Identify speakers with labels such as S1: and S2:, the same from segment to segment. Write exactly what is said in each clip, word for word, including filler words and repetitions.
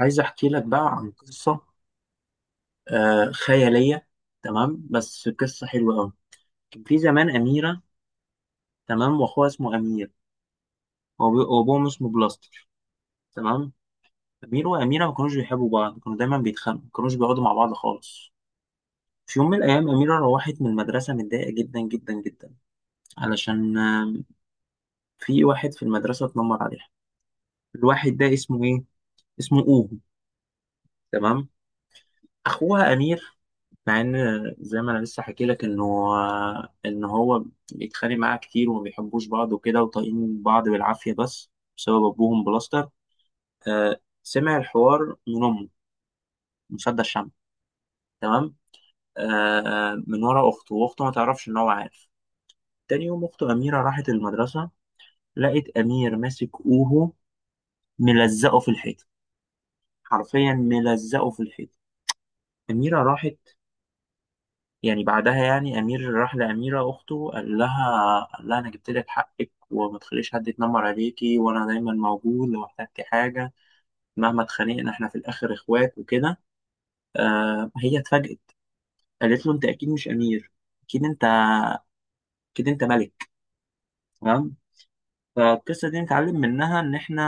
S1: عايز احكي لك بقى عن قصه آه خياليه. تمام، بس قصه حلوه قوي. كان في زمان اميره. تمام، واخوها اسمه امير. وأبو- وابوهم اسمه بلاستر. تمام. امير واميره ما كانوش بيحبوا بعض، كانوا دايما بيتخانقوا، ما كانوش بيقعدوا مع بعض خالص. في يوم من الايام اميره روحت من المدرسه متضايقه جدا جدا جدا، علشان آه، في واحد في المدرسه اتنمر عليها. الواحد ده اسمه ايه؟ اسمه اوهو. تمام. اخوها امير، مع ان، زي ما انا لسه حكي لك، انه ان هو بيتخانق معاها كتير وما بيحبوش بعض وكده، وطايقين بعض بالعافيه، بس بسبب ابوهم بلاستر، آه سمع الحوار من امه، مصدق الشمع. تمام، آه من ورا اخته، واخته ما تعرفش ان هو عارف. تاني يوم اخته اميره راحت المدرسه، لقت امير ماسك اوهو، ملزقه في الحيط، حرفيا ملزقه في الحيط. اميره راحت، يعني بعدها يعني امير راح لاميره اخته، قال لها قال لها انا جبت لك حقك، وما تخليش حد يتنمر عليكي، وانا دايما موجود لو احتجتي حاجه. مهما اتخانقنا احنا في الاخر اخوات وكده. آه هي اتفاجئت، قالت له انت اكيد مش امير، اكيد انت، اكيد انت ملك. تمام. فالقصه دي نتعلم منها ان احنا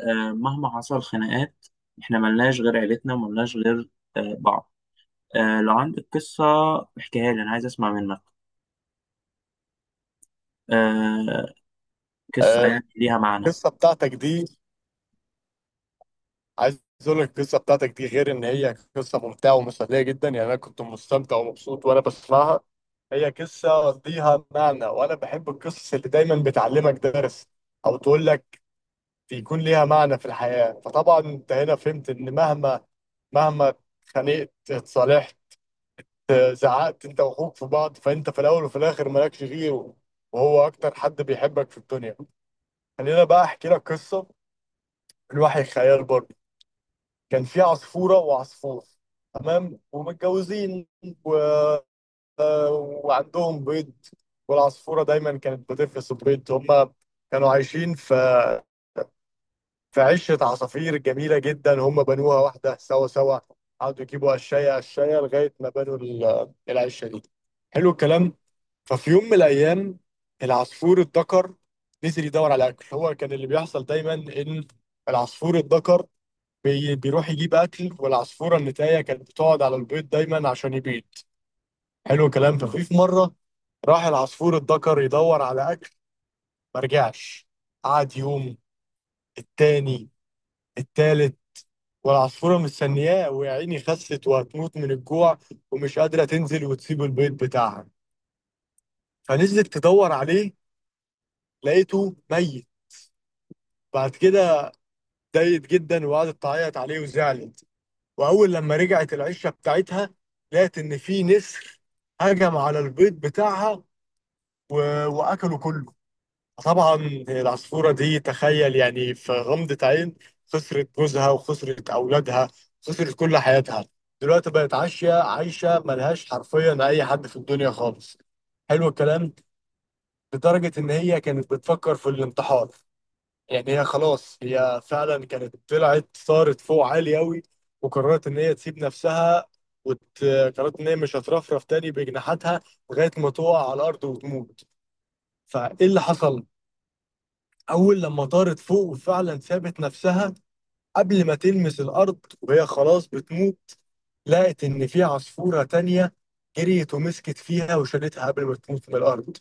S1: آه مهما حصل خناقات، احنا ملناش غير عيلتنا، وملناش غير آه بعض. آه لو عندك قصه احكيها لي، انا عايز اسمع منك آه قصه
S2: آه،
S1: يعني ليها معنى.
S2: القصه بتاعتك دي، عايز اقول لك القصه بتاعتك دي غير ان هي قصه ممتعه ومسليه جدا، يعني انا كنت مستمتع ومبسوط وانا بسمعها. هي قصه ليها معنى، وانا بحب القصص اللي دايما بتعلمك درس او تقول لك، يكون ليها معنى في الحياه. فطبعا انت هنا فهمت ان مهما مهما اتخانقت اتصالحت، آه، زعقت انت واخوك في بعض، فانت في الاول وفي الاخر مالكش غيره، وهو اكتر حد بيحبك في الدنيا. خلينا بقى احكي لك قصه من وحي الخيال برضه. كان في عصفورة وعصفور، تمام، ومتجوزين، و... آه، وعندهم بيض، والعصفورة دايما كانت بتفرس البيض. هم كانوا عايشين في في عشة عصافير جميلة جدا، هم بنوها واحدة سوا سوا، قعدوا يجيبوا قشاية قشاية لغاية ما بنوا ال- العشة دي. حلو الكلام. ففي يوم من الأيام، العصفور الذكر نزل يدور على أكل. هو كان اللي بيحصل دايما إن العصفور الذكر بي- بيروح يجيب اكل، والعصفوره النتايه كانت بتقعد على البيض دايما عشان يبيض. حلو الكلام. ففي في مره راح العصفور الذكر يدور على اكل، ما رجعش. قعد يوم، التاني، التالت، والعصفوره مستنياه، ويا عيني خست وهتموت من الجوع، ومش قادره تنزل وتسيب البيض بتاعها. فنزلت تدور عليه، لقيته ميت. بعد كده اتضايقت جدا وقعدت تعيط عليه وزعلت، واول لما رجعت العشه بتاعتها، لقت ان في نسر هجم على البيض بتاعها و... واكله كله. طبعا العصفوره دي، تخيل، يعني في غمضه عين خسرت جوزها وخسرت اولادها، خسرت كل حياتها. دلوقتي بقت عايشه عايشه ملهاش حرفيا اي حد في الدنيا خالص. حلو الكلام. لدرجه ان هي كانت بتفكر في الانتحار، يعني هي خلاص، هي فعلا كانت طلعت صارت فوق عالي قوي، وقررت ان هي تسيب نفسها، وقررت ان هي مش هترفرف تاني بجناحاتها لغايه ما تقع على الارض وتموت. فايه اللي حصل؟ اول لما طارت فوق وفعلا سابت نفسها، قبل ما تلمس الارض وهي خلاص بتموت، لقت إن في عصفورة تانية جريت ومسكت فيها وشالتها قبل ما تموت من الأرض،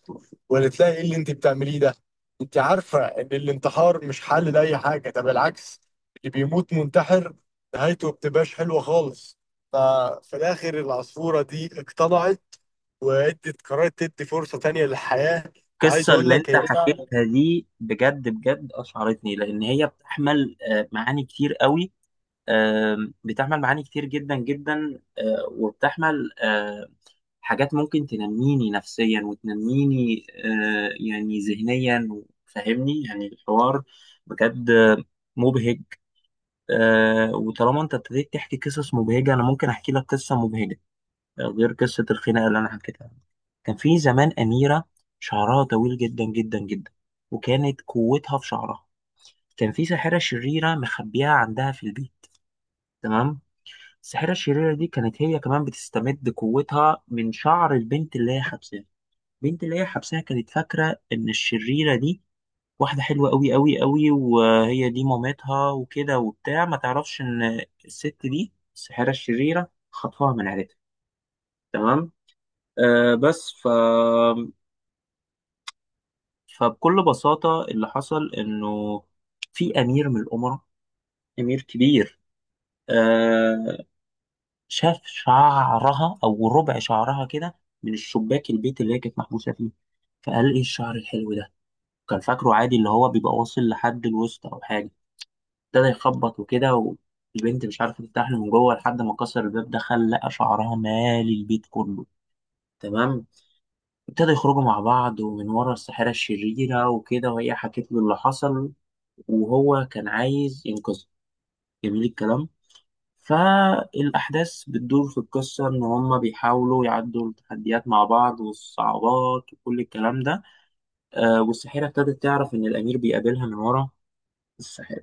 S2: وقالت لها إيه اللي أنت بتعمليه ده؟ أنت عارفة إن الانتحار مش حل لأي حاجة، ده بالعكس، اللي بيموت منتحر نهايته بتبقاش حلوة خالص. ففي الآخر العصفورة دي اقتنعت وادت، قررت تدي فرصة تانية للحياة، وعايز
S1: القصة
S2: أقول
S1: اللي
S2: لك
S1: انت
S2: هي فعلا.
S1: حكيتها دي بجد بجد أشعرتني، لأن هي بتحمل آه، معاني كتير قوي. آم، بتحمل معاني كتير جدا جدا، آه، وبتحمل آه، حاجات ممكن تنميني نفسيا وتنميني آه، يعني ذهنيا، فاهمني يعني الحوار بجد آه، مبهج. آه، وطالما انت ابتديت تحكي قصص مبهجة، أنا ممكن أحكي لك قصة مبهجة غير قصة الخناقة اللي أنا حكيتها. كان في زمان أميرة، شعرها طويل جدا جدا جدا، وكانت قوتها في شعرها. كان في ساحرة شريرة مخبيها عندها في البيت. تمام. الساحرة الشريرة دي كانت هي كمان بتستمد قوتها من شعر البنت اللي هي حبساها. البنت اللي هي حبساها كانت فاكرة إن الشريرة دي واحدة حلوة أوي أوي أوي، وهي دي مامتها وكده وبتاع، ما تعرفش إن الست دي الساحرة الشريرة خطفها من عيلتها. تمام. آه بس ف فبكل بساطة اللي حصل إنه في أمير من الأمراء، أمير كبير، آه شاف شعرها أو ربع شعرها كده، من الشباك البيت اللي هي كانت محبوسة فيه. فقال إيه الشعر الحلو ده، كان فاكره عادي اللي هو بيبقى واصل لحد الوسط أو حاجة. ابتدى يخبط وكده، والبنت مش عارفة تفتح له من جوه، لحد ما كسر الباب دخل لقى شعرها مالي البيت كله. تمام. ابتدوا يخرجوا مع بعض ومن ورا الساحرة الشريرة وكده، وهي حكت له اللي حصل، وهو كان عايز ينقذها. جميل الكلام. فالأحداث بتدور في القصة إن هما بيحاولوا يعدوا التحديات مع بعض والصعوبات وكل الكلام ده. آه والساحرة ابتدت تعرف إن الأمير بيقابلها من ورا الساحرة،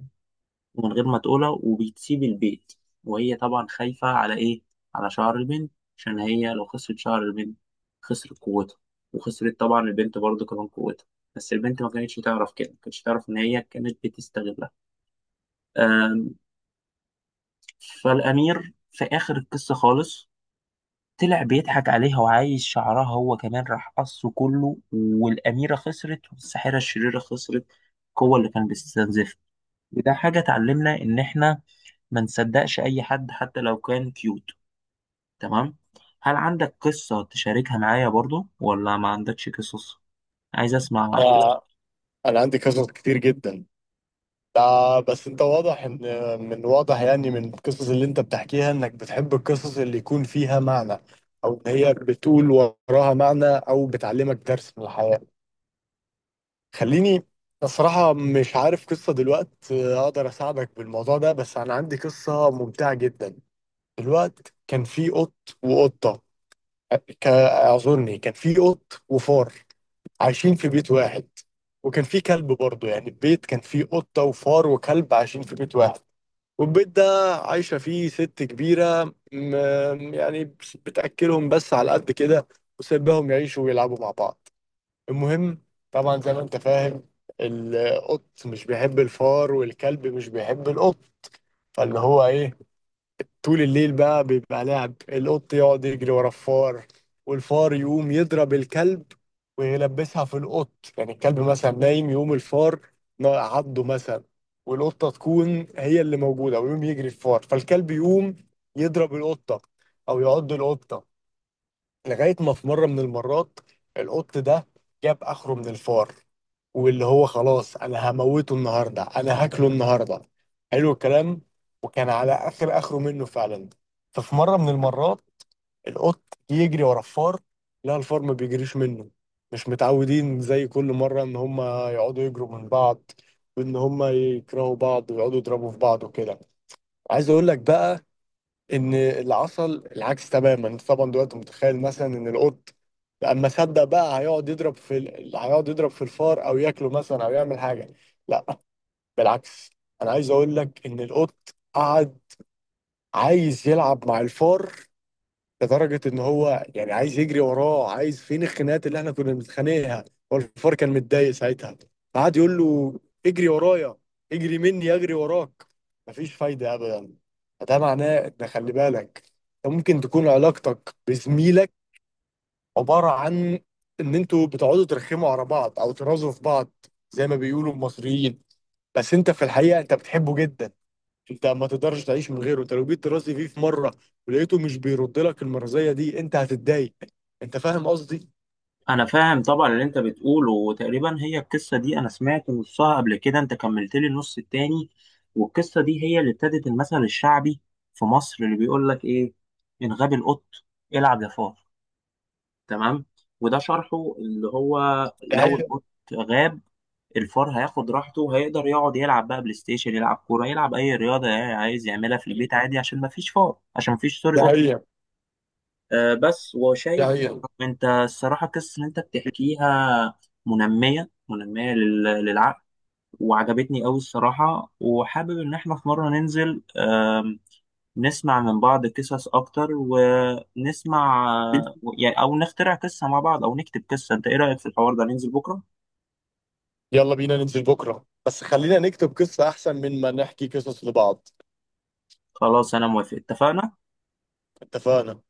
S1: من غير ما تقولها وبتسيب البيت. وهي طبعا خايفة على إيه؟ على شعر البنت. عشان هي لو خسرت شعر البنت، خسرت قوتها، وخسرت طبعا البنت برضه كمان قوتها. بس البنت ما كانتش تعرف كده، ما كانتش تعرف إن هي كانت بتستغلها. أم، فالأمير في آخر القصة خالص طلع بيضحك عليها، وعايز شعرها هو كمان، راح قصه كله، والأميرة خسرت، والساحرة الشريرة خسرت القوة اللي كان بيستنزفها. وده حاجة تعلمنا إن إحنا ما نصدقش اي حد حتى لو كان كيوت. تمام. هل عندك قصة تشاركها معايا برضو، ولا ما عندكش قصص؟ عايز اسمع قصة.
S2: أنا أنا عندي قصص كتير جدا، لا بس انت واضح ان، من واضح يعني من القصص اللي انت بتحكيها انك بتحب القصص اللي يكون فيها معنى، او ان هي بتقول وراها معنى او بتعلمك درس من الحياة. خليني، الصراحة مش عارف قصة دلوقت آه، اقدر اساعدك بالموضوع ده، بس انا عندي قصة ممتعة جدا. الوقت كان في قط وقطة، آه، ك- اعذرني، كان في قط وفار عايشين في بيت واحد، وكان في كلب برضه. يعني البيت كان فيه قطة وفار وكلب عايشين في بيت واحد، والبيت ده عايشة فيه ست كبيرة، م- يعني بتأكلهم بس على قد كده، وسيبهم يعيشوا ويلعبوا مع بعض. المهم، طبعا زي ما انت فاهم، القط مش بيحب الفار، والكلب مش بيحب القط. فاللي هو ايه؟ طول الليل بقى بيبقى لعب، القط يقعد يجري ورا الفار، والفار يقوم يضرب الكلب ويلبسها في القط. يعني الكلب مثلا نايم، يقوم الفار نا- عضه مثلا، والقطة تكون هي اللي موجودة، ويقوم يجري الفار، فالكلب يقوم يضرب القطة أو يعض القطة. لغاية ما في مرة من المرات، القط ده جاب آخره من الفار، واللي هو خلاص أنا هموته النهاردة، أنا هاكله النهاردة. حلو الكلام. وكان على آخر آخره منه فعلا. ففي مرة من المرات، القط يجري ورا الفار، لا الفار ما بيجريش منه، مش متعودين زي كل مرة إن هما يقعدوا يجروا من بعض، وإن هما يكرهوا بعض ويقعدوا يضربوا في بعض وكده. عايز أقول لك بقى ان اللي حصل العكس تماما. انت طبعا دلوقتي متخيل مثلا ان القط اما صدق بقى هيقعد يضرب في ال... هيقعد يضرب في الفار او ياكله مثلا او يعمل حاجه. لا، بالعكس، انا عايز اقول لك ان القط قعد عايز يلعب مع الفار، لدرجه ان هو يعني عايز يجري وراه، عايز فين الخناقات اللي احنا كنا بنتخانقها. هو الفار كان متضايق ساعتها، فقعد يقول له اجري ورايا، اجري مني، اجري وراك، مفيش فايده ابدا. فده معناه ان خلي بالك، انت ممكن تكون علاقتك بزميلك عباره عن ان انتوا بتقعدوا ترخموا على بعض او ترازوا في بعض، زي ما بيقولوا المصريين، بس انت في الحقيقه انت بتحبه جدا، انت ما تقدرش تعيش من غيره. انت لو جيت ترازي فيه في مره ولقيته مش بيرد لك المرضيه دي، انت هتتضايق. انت فاهم قصدي؟
S1: انا فاهم طبعا اللي انت بتقوله، وتقريبا هي القصة دي انا سمعت نصها قبل كده، انت كملت لي النص التاني. والقصة دي هي اللي ابتدت المثل الشعبي في مصر، اللي بيقول لك ايه؟ ان غاب القط، العب يا فار. تمام. وده شرحه اللي هو
S2: ده
S1: لو
S2: هي،
S1: القط غاب، الفار هياخد راحته، هيقدر يقعد يلعب بقى بلاي ستيشن، يلعب كوره، يلعب اي رياضه يعني عايز يعملها في البيت عادي، عشان ما فيش فار، عشان ما فيش سوري
S2: ده
S1: قط.
S2: هي،
S1: آه بس
S2: ده
S1: وشايف،
S2: هي.
S1: انت الصراحه القصه اللي انت بتحكيها منميه منميه لل- للعقل، وعجبتني قوي الصراحه. وحابب ان احنا في مره ننزل، آم، نسمع من بعض قصص اكتر، ونسمع آه، يعني او نخترع قصه مع بعض، او نكتب قصه. انت ايه رايك في الحوار ده، ننزل بكره؟
S2: يلا بينا ننزل بكره، بس خلينا نكتب قصه احسن من ما نحكي قصص لبعض.
S1: خلاص انا موافق، اتفقنا.
S2: اتفقنا.